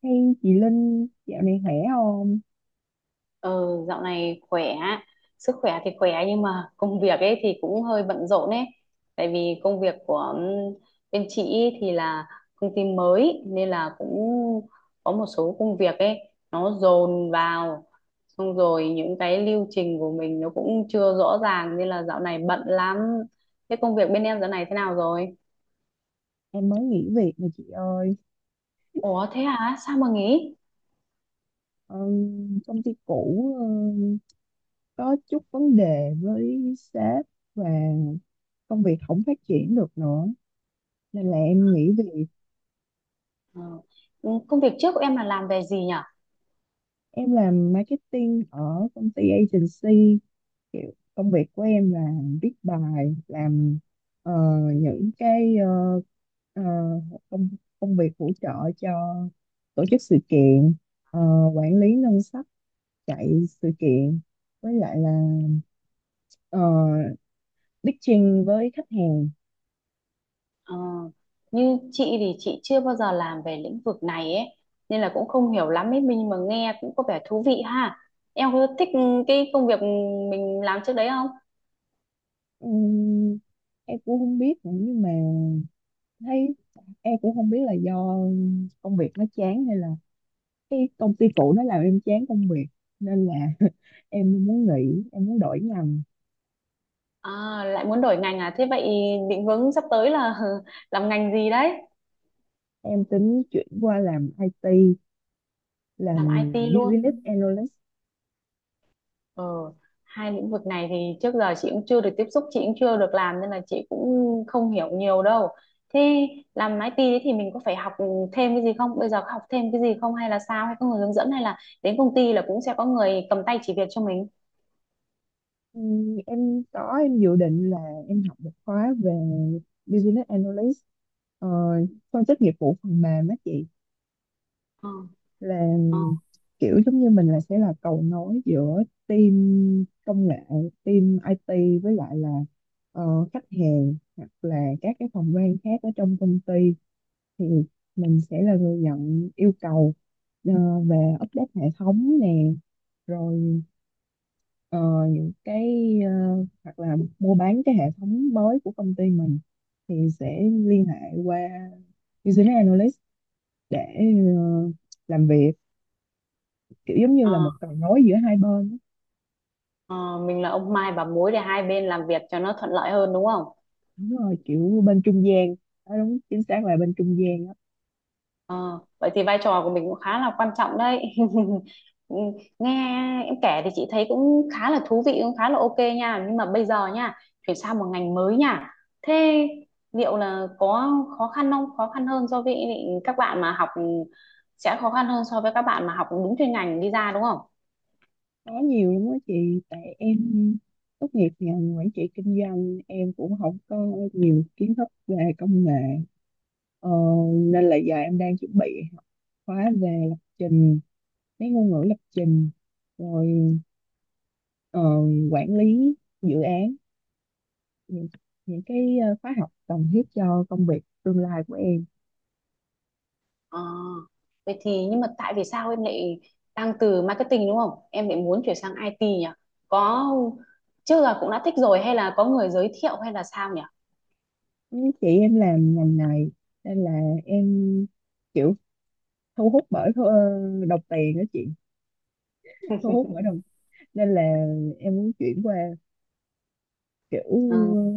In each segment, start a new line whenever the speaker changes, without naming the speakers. Hey chị Linh, dạo này khỏe không?
Ờ, dạo này khỏe, sức khỏe thì khỏe nhưng mà công việc ấy thì cũng hơi bận rộn ấy. Tại vì công việc của bên chị ý thì là công ty mới nên là cũng có một số công việc ấy nó dồn vào. Xong rồi những cái lưu trình của mình nó cũng chưa rõ ràng nên là dạo này bận lắm. Thế công việc bên em dạo này thế nào rồi?
Em mới nghỉ việc nè chị ơi.
Ủa thế hả? Sao mà nghỉ?
Ờ, công ty cũ có chút vấn đề với sếp và công việc không phát triển được nữa. Nên là em nghỉ việc.
Ờ, Công việc trước của em là làm về gì nhỉ?
Em làm marketing ở công ty agency. Kiểu công việc của em là viết bài, làm ờ, những cái ờ, công, công việc hỗ trợ cho tổ chức sự kiện, ờ, quản lý ngân sách, chạy sự kiện, với lại là ờ, pitching với khách hàng.
Ờ, như chị thì chị chưa bao giờ làm về lĩnh vực này ấy nên là cũng không hiểu lắm ấy, mình mà nghe cũng có vẻ thú vị ha, em có thích cái công việc mình làm trước đấy không?
Ừm, em cũng không biết nữa, nhưng mà thấy em cũng không biết là do công việc nó chán hay là cái công ty cũ nó làm em chán công việc, nên là em muốn nghỉ, em muốn đổi ngành.
À, lại muốn đổi ngành à? Thế vậy định hướng sắp tới là làm ngành gì đấy?
Em tính chuyển qua làm IT, làm
Làm IT luôn?
business analyst.
Ờ, hai lĩnh vực này thì trước giờ chị cũng chưa được tiếp xúc, chị cũng chưa được làm nên là chị cũng không hiểu nhiều đâu. Thế làm IT ấy thì mình có phải học thêm cái gì không? Bây giờ có học thêm cái gì không hay là sao? Hay có người hướng dẫn hay là đến công ty là cũng sẽ có người cầm tay chỉ việc cho mình?
Em có em dự định là em học một khóa về business analyst. Ờ, Phân tích nghiệp vụ phần mềm á chị,
Ờ,
là
ờ,
kiểu giống như mình là sẽ là cầu nối giữa team công nghệ, team IT với lại là khách hàng hoặc là các cái phòng ban khác ở trong công ty. Thì mình sẽ là người nhận yêu cầu ờ, về update hệ thống nè, rồi ờ, những cái hoặc là mua bán cái hệ thống mới của công ty mình thì sẽ liên hệ qua business analyst để ờ, làm việc, kiểu giống như là
ờ,
một cầu nối giữa hai bên á.
ờ, mình là ông Mai bà Mối để hai bên làm việc cho nó thuận lợi hơn đúng không?
Đúng rồi, kiểu bên trung gian đó, đúng chính xác là bên trung gian đó.
Ờ, vậy thì vai trò của mình cũng khá là quan trọng đấy. Ừ, nghe em kể thì chị thấy cũng khá là thú vị, cũng khá là ok nha. Nhưng mà bây giờ nha, chuyển sang một ngành mới nha. Thế liệu là có khó khăn không? Khó khăn hơn so với các bạn mà học sẽ khó khăn hơn so với các bạn mà học đúng chuyên ngành đi ra đúng không?
Có nhiều lắm đó chị, tại em tốt nghiệp ngành quản trị kinh doanh, em cũng không có nhiều kiến thức về công nghệ. Ờ, Nên là giờ em đang chuẩn bị học khóa về lập trình, mấy ngôn ngữ lập trình, rồi ờ, quản lý dự án, những, những cái khóa học cần thiết cho công việc tương lai của em.
Ờ, vậy thì nhưng mà tại vì sao em lại đang từ marketing đúng không? Em lại muốn chuyển sang IT nhỉ? Có chưa là cũng đã thích rồi hay là có người giới thiệu hay là sao nhỉ?
Ừ, chị em làm ngành này nên là em kiểu thu hút bởi đồng tiền đó chị, thu hút bởi đồng, nên là em muốn chuyển qua, kiểu
Ừ.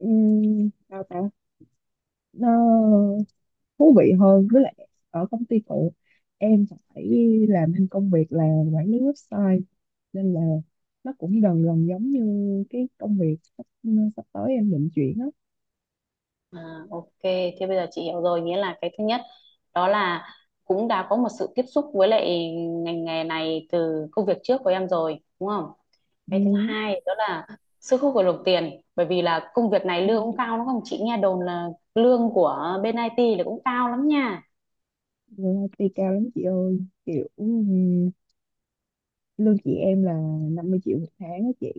sao ta, nó thú vị hơn. Với lại ở công ty cũ em phải làm thêm công việc là quản lý website, nên là nó cũng gần gần giống như cái công việc sắp tới em định chuyển á.
À, ok, thế bây giờ chị hiểu rồi, nghĩa là cái thứ nhất đó là cũng đã có một sự tiếp xúc với lại ngành nghề này từ công việc trước của em rồi, đúng không? Cái thứ
Ừ.
hai đó là sức hút của đồng tiền, bởi vì là công việc này lương cũng cao đúng không? Chị nghe đồn là lương của bên IT là cũng cao lắm nha.
Rồi, IT cao lắm chị ơi, kiểu ừ. Lương chị em là 50 triệu một tháng á chị.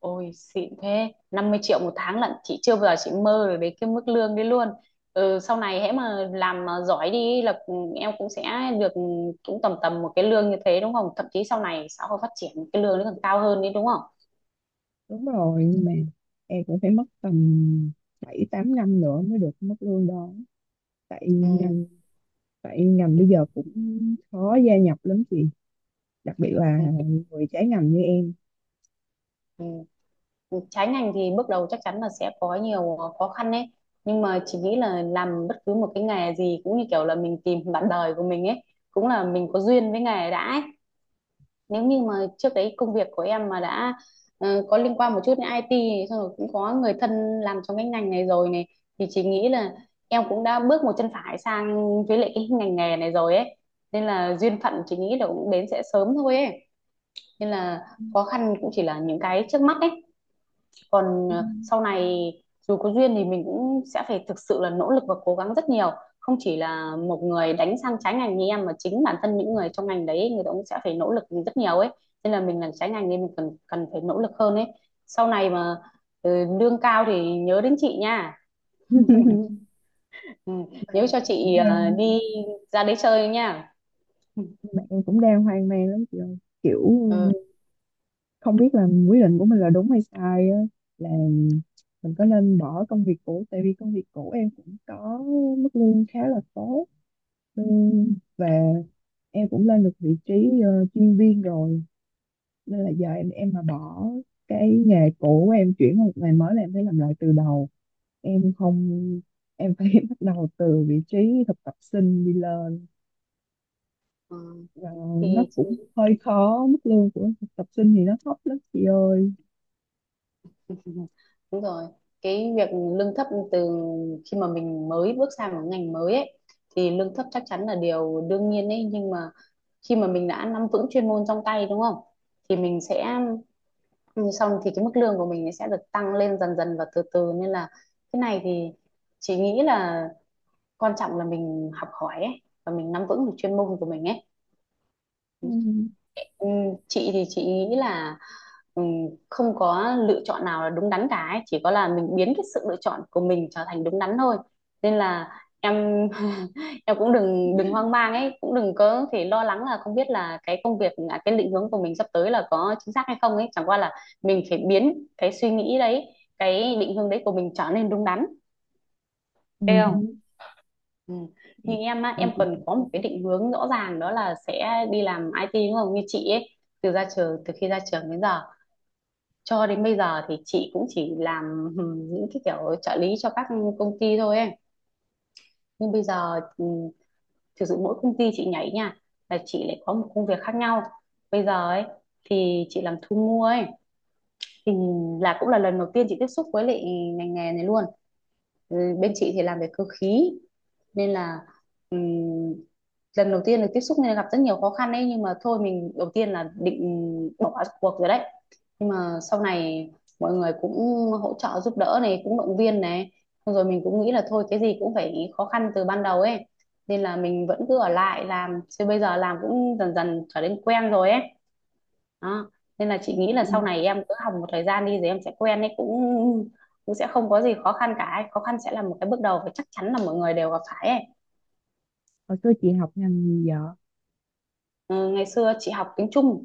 Ôi xịn thế, 50 triệu một tháng lận, chị chưa bao giờ chị mơ được đến cái mức lương đấy luôn. Ừ, sau này hễ mà làm mà giỏi đi là, ừ, em cũng sẽ được, ừ, cũng tầm tầm một cái lương như thế đúng không, thậm chí sau này xã hội phát triển cái lương nó còn cao hơn đấy đúng không?
Đúng rồi, nhưng mà em cũng phải mất tầm 7 8 năm nữa mới được mức lương đó, tại
ừ,
ngành, bây giờ cũng khó gia nhập lắm chị, đặc biệt là
ừ,
người trái ngành như em.
ừ. Ừ, trái ngành thì bước đầu chắc chắn là sẽ có nhiều khó khăn đấy, nhưng mà chị nghĩ là làm bất cứ một cái nghề gì cũng như kiểu là mình tìm bạn đời của mình ấy, cũng là mình có duyên với nghề đã ấy. Nếu như mà trước đấy công việc của em mà đã có liên quan một chút đến IT này, xong rồi cũng có người thân làm trong cái ngành này rồi này, thì chị nghĩ là em cũng đã bước một chân phải sang với lại cái ngành nghề này rồi ấy, nên là duyên phận chị nghĩ là cũng đến sẽ sớm thôi ấy, nên là khó khăn cũng chỉ là những cái trước mắt ấy, còn sau này dù có duyên thì mình cũng sẽ phải thực sự là nỗ lực và cố gắng rất nhiều, không chỉ là một người đánh sang trái ngành như em mà chính bản thân những người trong ngành đấy người ta cũng sẽ phải nỗ lực rất nhiều ấy, nên là mình làm trái ngành nên mình cần cần phải nỗ lực hơn ấy. Sau này mà, ừ, lương cao thì nhớ đến chị nha. Ừ,
mà
nhớ cho
em cũng
chị
đang
đi ra đấy chơi nha.
mà em cũng đang hoang mang lắm chị ơi, kiểu
Ừ.
không biết là quyết định của mình là đúng hay sai á, là mình có nên bỏ công việc cũ, tại vì công việc cũ em cũng có mức lương khá là tốt. Ừ, và em cũng lên được vị trí chuyên viên rồi, nên là giờ em mà bỏ cái nghề cũ của em, chuyển qua một nghề mới là em phải làm lại từ đầu. Em không em phải bắt đầu từ vị trí thực tập sinh đi lên,
Ừ.
và nó
Thì chị
cũng hơi khó. Mức lương của thực tập sinh thì nó thấp lắm chị ơi.
đúng rồi, cái việc lương thấp từ khi mà mình mới bước sang một ngành mới ấy thì lương thấp chắc chắn là điều đương nhiên ấy, nhưng mà khi mà mình đã nắm vững chuyên môn trong tay đúng không? Thì mình sẽ xong thì cái mức lương của mình sẽ được tăng lên dần dần và từ từ, nên là cái này thì chị nghĩ là quan trọng là mình học hỏi ấy và mình nắm vững được chuyên môn của mình ấy.
Ừ.
Ừ, chị thì chị nghĩ là, ừ, không có lựa chọn nào là đúng đắn cả ấy. Chỉ có là mình biến cái sự lựa chọn của mình trở thành đúng đắn thôi, nên là em em cũng đừng đừng hoang mang ấy, cũng đừng có thể lo lắng là không biết là cái công việc à, cái định hướng của mình sắp tới là có chính xác hay không ấy, chẳng qua là mình phải biến cái suy nghĩ đấy, cái định hướng đấy của mình trở nên đúng đắn,
Ừ.
thấy không? Ừ. Như
Vậy,
em á,
vậy
em cần có một cái định hướng rõ ràng đó là sẽ đi làm IT đúng không? Như chị ấy, từ ra trường, từ khi ra trường đến giờ cho đến bây giờ thì chị cũng chỉ làm ừ, những cái kiểu trợ lý cho các công ty thôi ấy. Nhưng bây giờ, ừ, thực sự mỗi công ty chị nhảy nha là chị lại có một công việc khác nhau, bây giờ ấy thì chị làm thu mua ấy thì là cũng là lần đầu tiên chị tiếp xúc với lại ngành nghề này luôn. Ừ, bên chị thì làm về cơ khí nên là, ừm, lần đầu tiên được tiếp xúc nên là gặp rất nhiều khó khăn ấy, nhưng mà thôi, mình đầu tiên là định bỏ cuộc rồi đấy, nhưng mà sau này mọi người cũng hỗ trợ giúp đỡ này cũng động viên này. Xong rồi mình cũng nghĩ là thôi cái gì cũng phải khó khăn từ ban đầu ấy, nên là mình vẫn cứ ở lại làm, chứ bây giờ làm cũng dần dần trở nên quen rồi ấy, đó. Nên là chị nghĩ là
chị
sau
học
này em cứ học một thời gian đi rồi em sẽ quen ấy, cũng cũng sẽ không có gì khó khăn cả ấy. Khó khăn sẽ là một cái bước đầu và chắc chắn là mọi người đều gặp phải ấy.
Hồi xưa chị học ngành gì vậy?
Ừ, ngày xưa chị học tiếng Trung,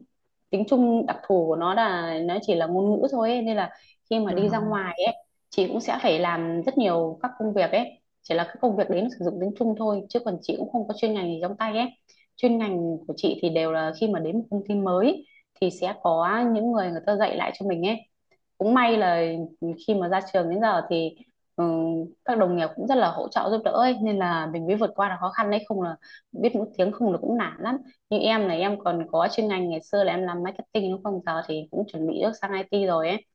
tiếng Trung đặc thù của nó là nó chỉ là ngôn ngữ thôi ấy, nên là khi mà đi ra
Wow.
ngoài ấy chị cũng sẽ phải làm rất nhiều các công việc ấy, chỉ là các công việc đấy nó sử dụng tiếng Trung thôi, chứ còn chị cũng không có chuyên ngành gì trong tay ấy. Chuyên ngành của chị thì đều là khi mà đến một công ty mới thì sẽ có những người, người ta dạy lại cho mình ấy. Cũng may là khi mà ra trường đến giờ thì, ừ, các đồng nghiệp cũng rất là hỗ trợ giúp đỡ ấy, nên là mình mới vượt qua được khó khăn đấy, không là biết mỗi tiếng không là cũng nản lắm. Nhưng em này, em còn có chuyên ngành, ngày xưa là em làm marketing đúng không, giờ thì cũng chuẩn bị bước sang IT rồi ấy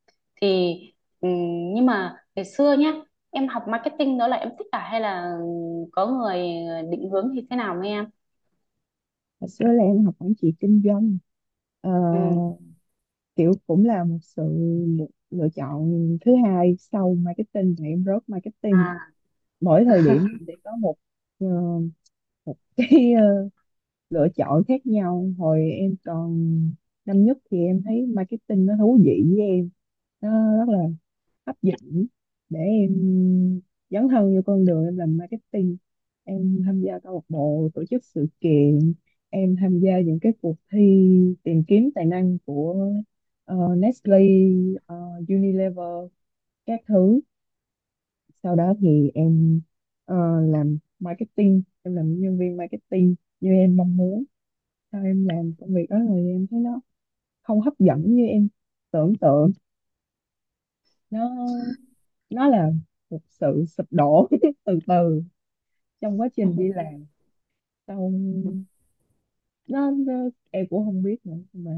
thì, ừ, nhưng mà ngày xưa nhá, em học marketing đó là em thích cả hay là có người định hướng thì thế nào với em?
Hồi xưa là em học quản trị kinh doanh. Ờ,
Ừ.
Kiểu cũng là một sự lựa chọn thứ hai sau marketing, và em rớt marketing.
À.
Mỗi thời điểm sẽ có ờ, một cái lựa chọn khác nhau. Hồi em còn năm nhất thì em thấy marketing nó thú vị với em, nó rất là hấp dẫn để em dấn thân vô con đường em làm marketing. Em tham gia câu lạc bộ tổ chức sự kiện, em tham gia những cái cuộc thi tìm kiếm tài năng của Nestle, ờ, Unilever các thứ. Sau đó thì em ờ, làm marketing, em làm nhân viên marketing như em mong muốn. Sau em làm công việc đó rồi em thấy nó không hấp dẫn như em tưởng tượng. Nó nó là một sự sụp đổ từ từ trong quá trình đi làm. Sau nó em cũng không biết nữa, mà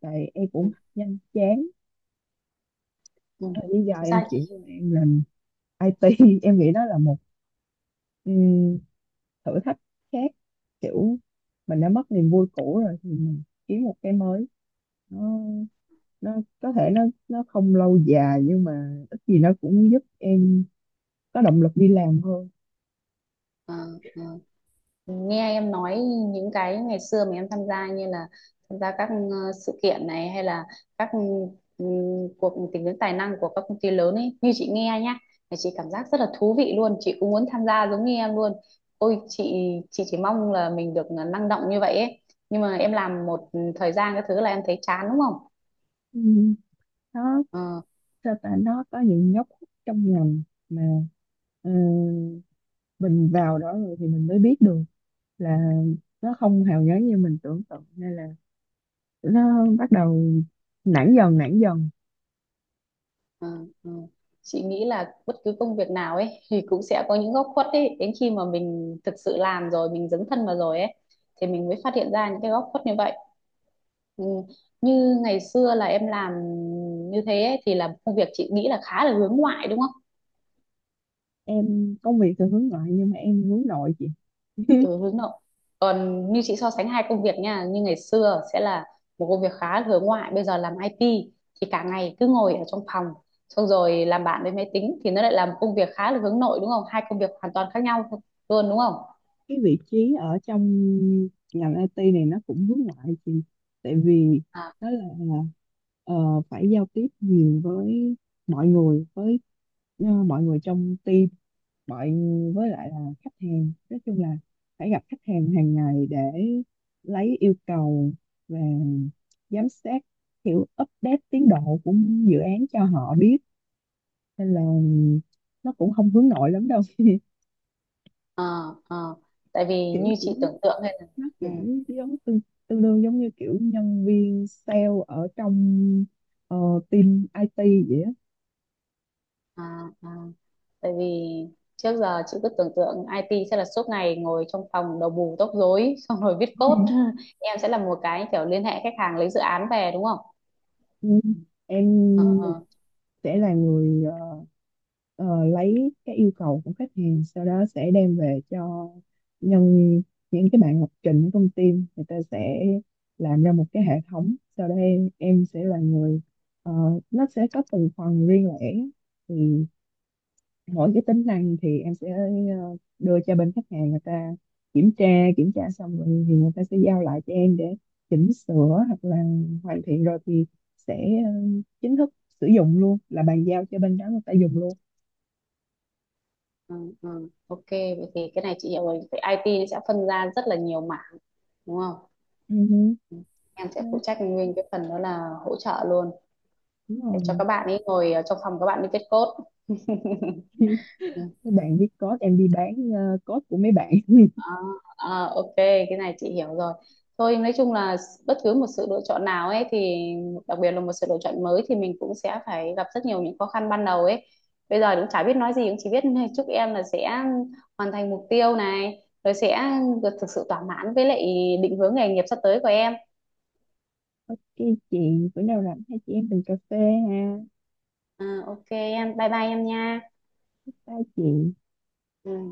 tại em cũng nhanh chán.
Ừ.
Bây giờ
Thực
em
ra
chuyển qua
thì-
em làm IT, em nghĩ nó là một thử thách khác. Kiểu mình đã mất niềm vui cũ rồi thì mình kiếm một cái mới. nó nó có thể nó không lâu dài nhưng mà ít gì nó cũng giúp em có động lực đi làm hơn.
ờ, ờ. Nghe em nói những cái ngày xưa mà em tham gia như là tham gia các sự kiện này hay là các ừ, cuộc tìm kiếm tài năng của các công ty lớn ấy, như chị nghe nhá là chị cảm giác rất là thú vị luôn, chị cũng muốn tham gia giống như em luôn. Ôi chị chỉ mong là mình được năng động như vậy ấy, nhưng mà em làm một thời gian cái thứ là em thấy chán đúng không?
Ừ, nó
Ờ,
sao ta, nó có những góc khuất trong ngành mà ờ, mình vào đó rồi thì mình mới biết được là nó không hào nhoáng như mình tưởng tượng, nên là nó bắt đầu nản dần nản dần.
Ờ, ờ. Chị nghĩ là bất cứ công việc nào ấy thì cũng sẽ có những góc khuất ấy, đến khi mà mình thực sự làm rồi mình dấn thân vào rồi ấy thì mình mới phát hiện ra những cái góc khuất như vậy. Ừ. Như ngày xưa là em làm như thế ấy, thì là công việc chị nghĩ là khá là hướng ngoại đúng không?
Em công việc thì hướng ngoại nhưng mà em hướng nội chị.
Ừ, hướng nội, còn như chị so sánh hai công việc nha, như ngày xưa sẽ là một công việc khá hướng ngoại, bây giờ làm IT thì cả ngày cứ ngồi ở trong phòng xong rồi làm bạn với máy tính thì nó lại là một công việc khá là hướng nội đúng không, hai công việc hoàn toàn khác nhau luôn đúng không?
Cái vị trí ở trong ngành IT này nó cũng hướng ngoại chị, tại vì
À,
nó là ờ, phải giao tiếp nhiều với mọi người với mọi người trong team, mọi với lại là khách hàng. Nói chung là phải gặp khách hàng hàng ngày để lấy yêu cầu và giám sát, kiểu update tiến độ của dự án cho họ biết, nên là nó cũng không hướng nội lắm đâu.
à, à. Tại vì
Kiểu
như chị
cũng
tưởng tượng hay là,
nó
ừ,
cũng giống tương đương giống như kiểu nhân viên sale ở trong ờ, team IT vậy á.
à, à. Tại vì trước giờ chị cứ tưởng tượng IT sẽ là suốt ngày ngồi trong phòng đầu bù tóc rối xong rồi viết
Ừ.
code, em sẽ là một cái kiểu liên hệ khách hàng lấy dự án về đúng không?
Ừ.
Ờ,
Em
ờ.
sẽ là người ờ, lấy cái yêu cầu của khách hàng, sau đó sẽ đem về cho nhân những cái bạn lập trình ở trong team, người ta sẽ làm ra một cái hệ thống. Sau đây em sẽ là người ờ, nó sẽ có từng phần riêng lẻ, thì mỗi cái tính năng thì em sẽ đưa cho bên khách hàng, người ta kiểm tra. Kiểm tra xong rồi thì người ta sẽ giao lại cho em để chỉnh sửa, hoặc là hoàn thiện rồi thì sẽ ờ, chính thức sử dụng luôn, là bàn giao cho bên đó người ta dùng luôn.
Ừ, ừ. Ok vậy thì cái này chị hiểu rồi, vậy IT nó sẽ phân ra rất là nhiều mảng đúng không?
Ừ,
Ừ. Em sẽ
đó,
phụ trách nguyên cái phần đó là hỗ trợ luôn
đúng
để cho
rồi.
các bạn ấy ngồi ở trong phòng các bạn đi viết code.
Các bạn viết code, em đi bán code của mấy bạn.
À, à, ok cái này chị hiểu rồi, thôi nói chung là bất cứ một sự lựa chọn nào ấy thì đặc biệt là một sự lựa chọn mới thì mình cũng sẽ phải gặp rất nhiều những khó khăn ban đầu ấy. Bây giờ cũng chả biết nói gì, cũng chỉ biết chúc em là sẽ hoàn thành mục tiêu này rồi sẽ được thực sự thỏa mãn với lại định hướng nghề nghiệp sắp tới của em.
Ok chị, bữa nào rảnh hai chị em mình cà phê ha.
À, ok em, bye bye em nha.
Bye chị.
Ừ.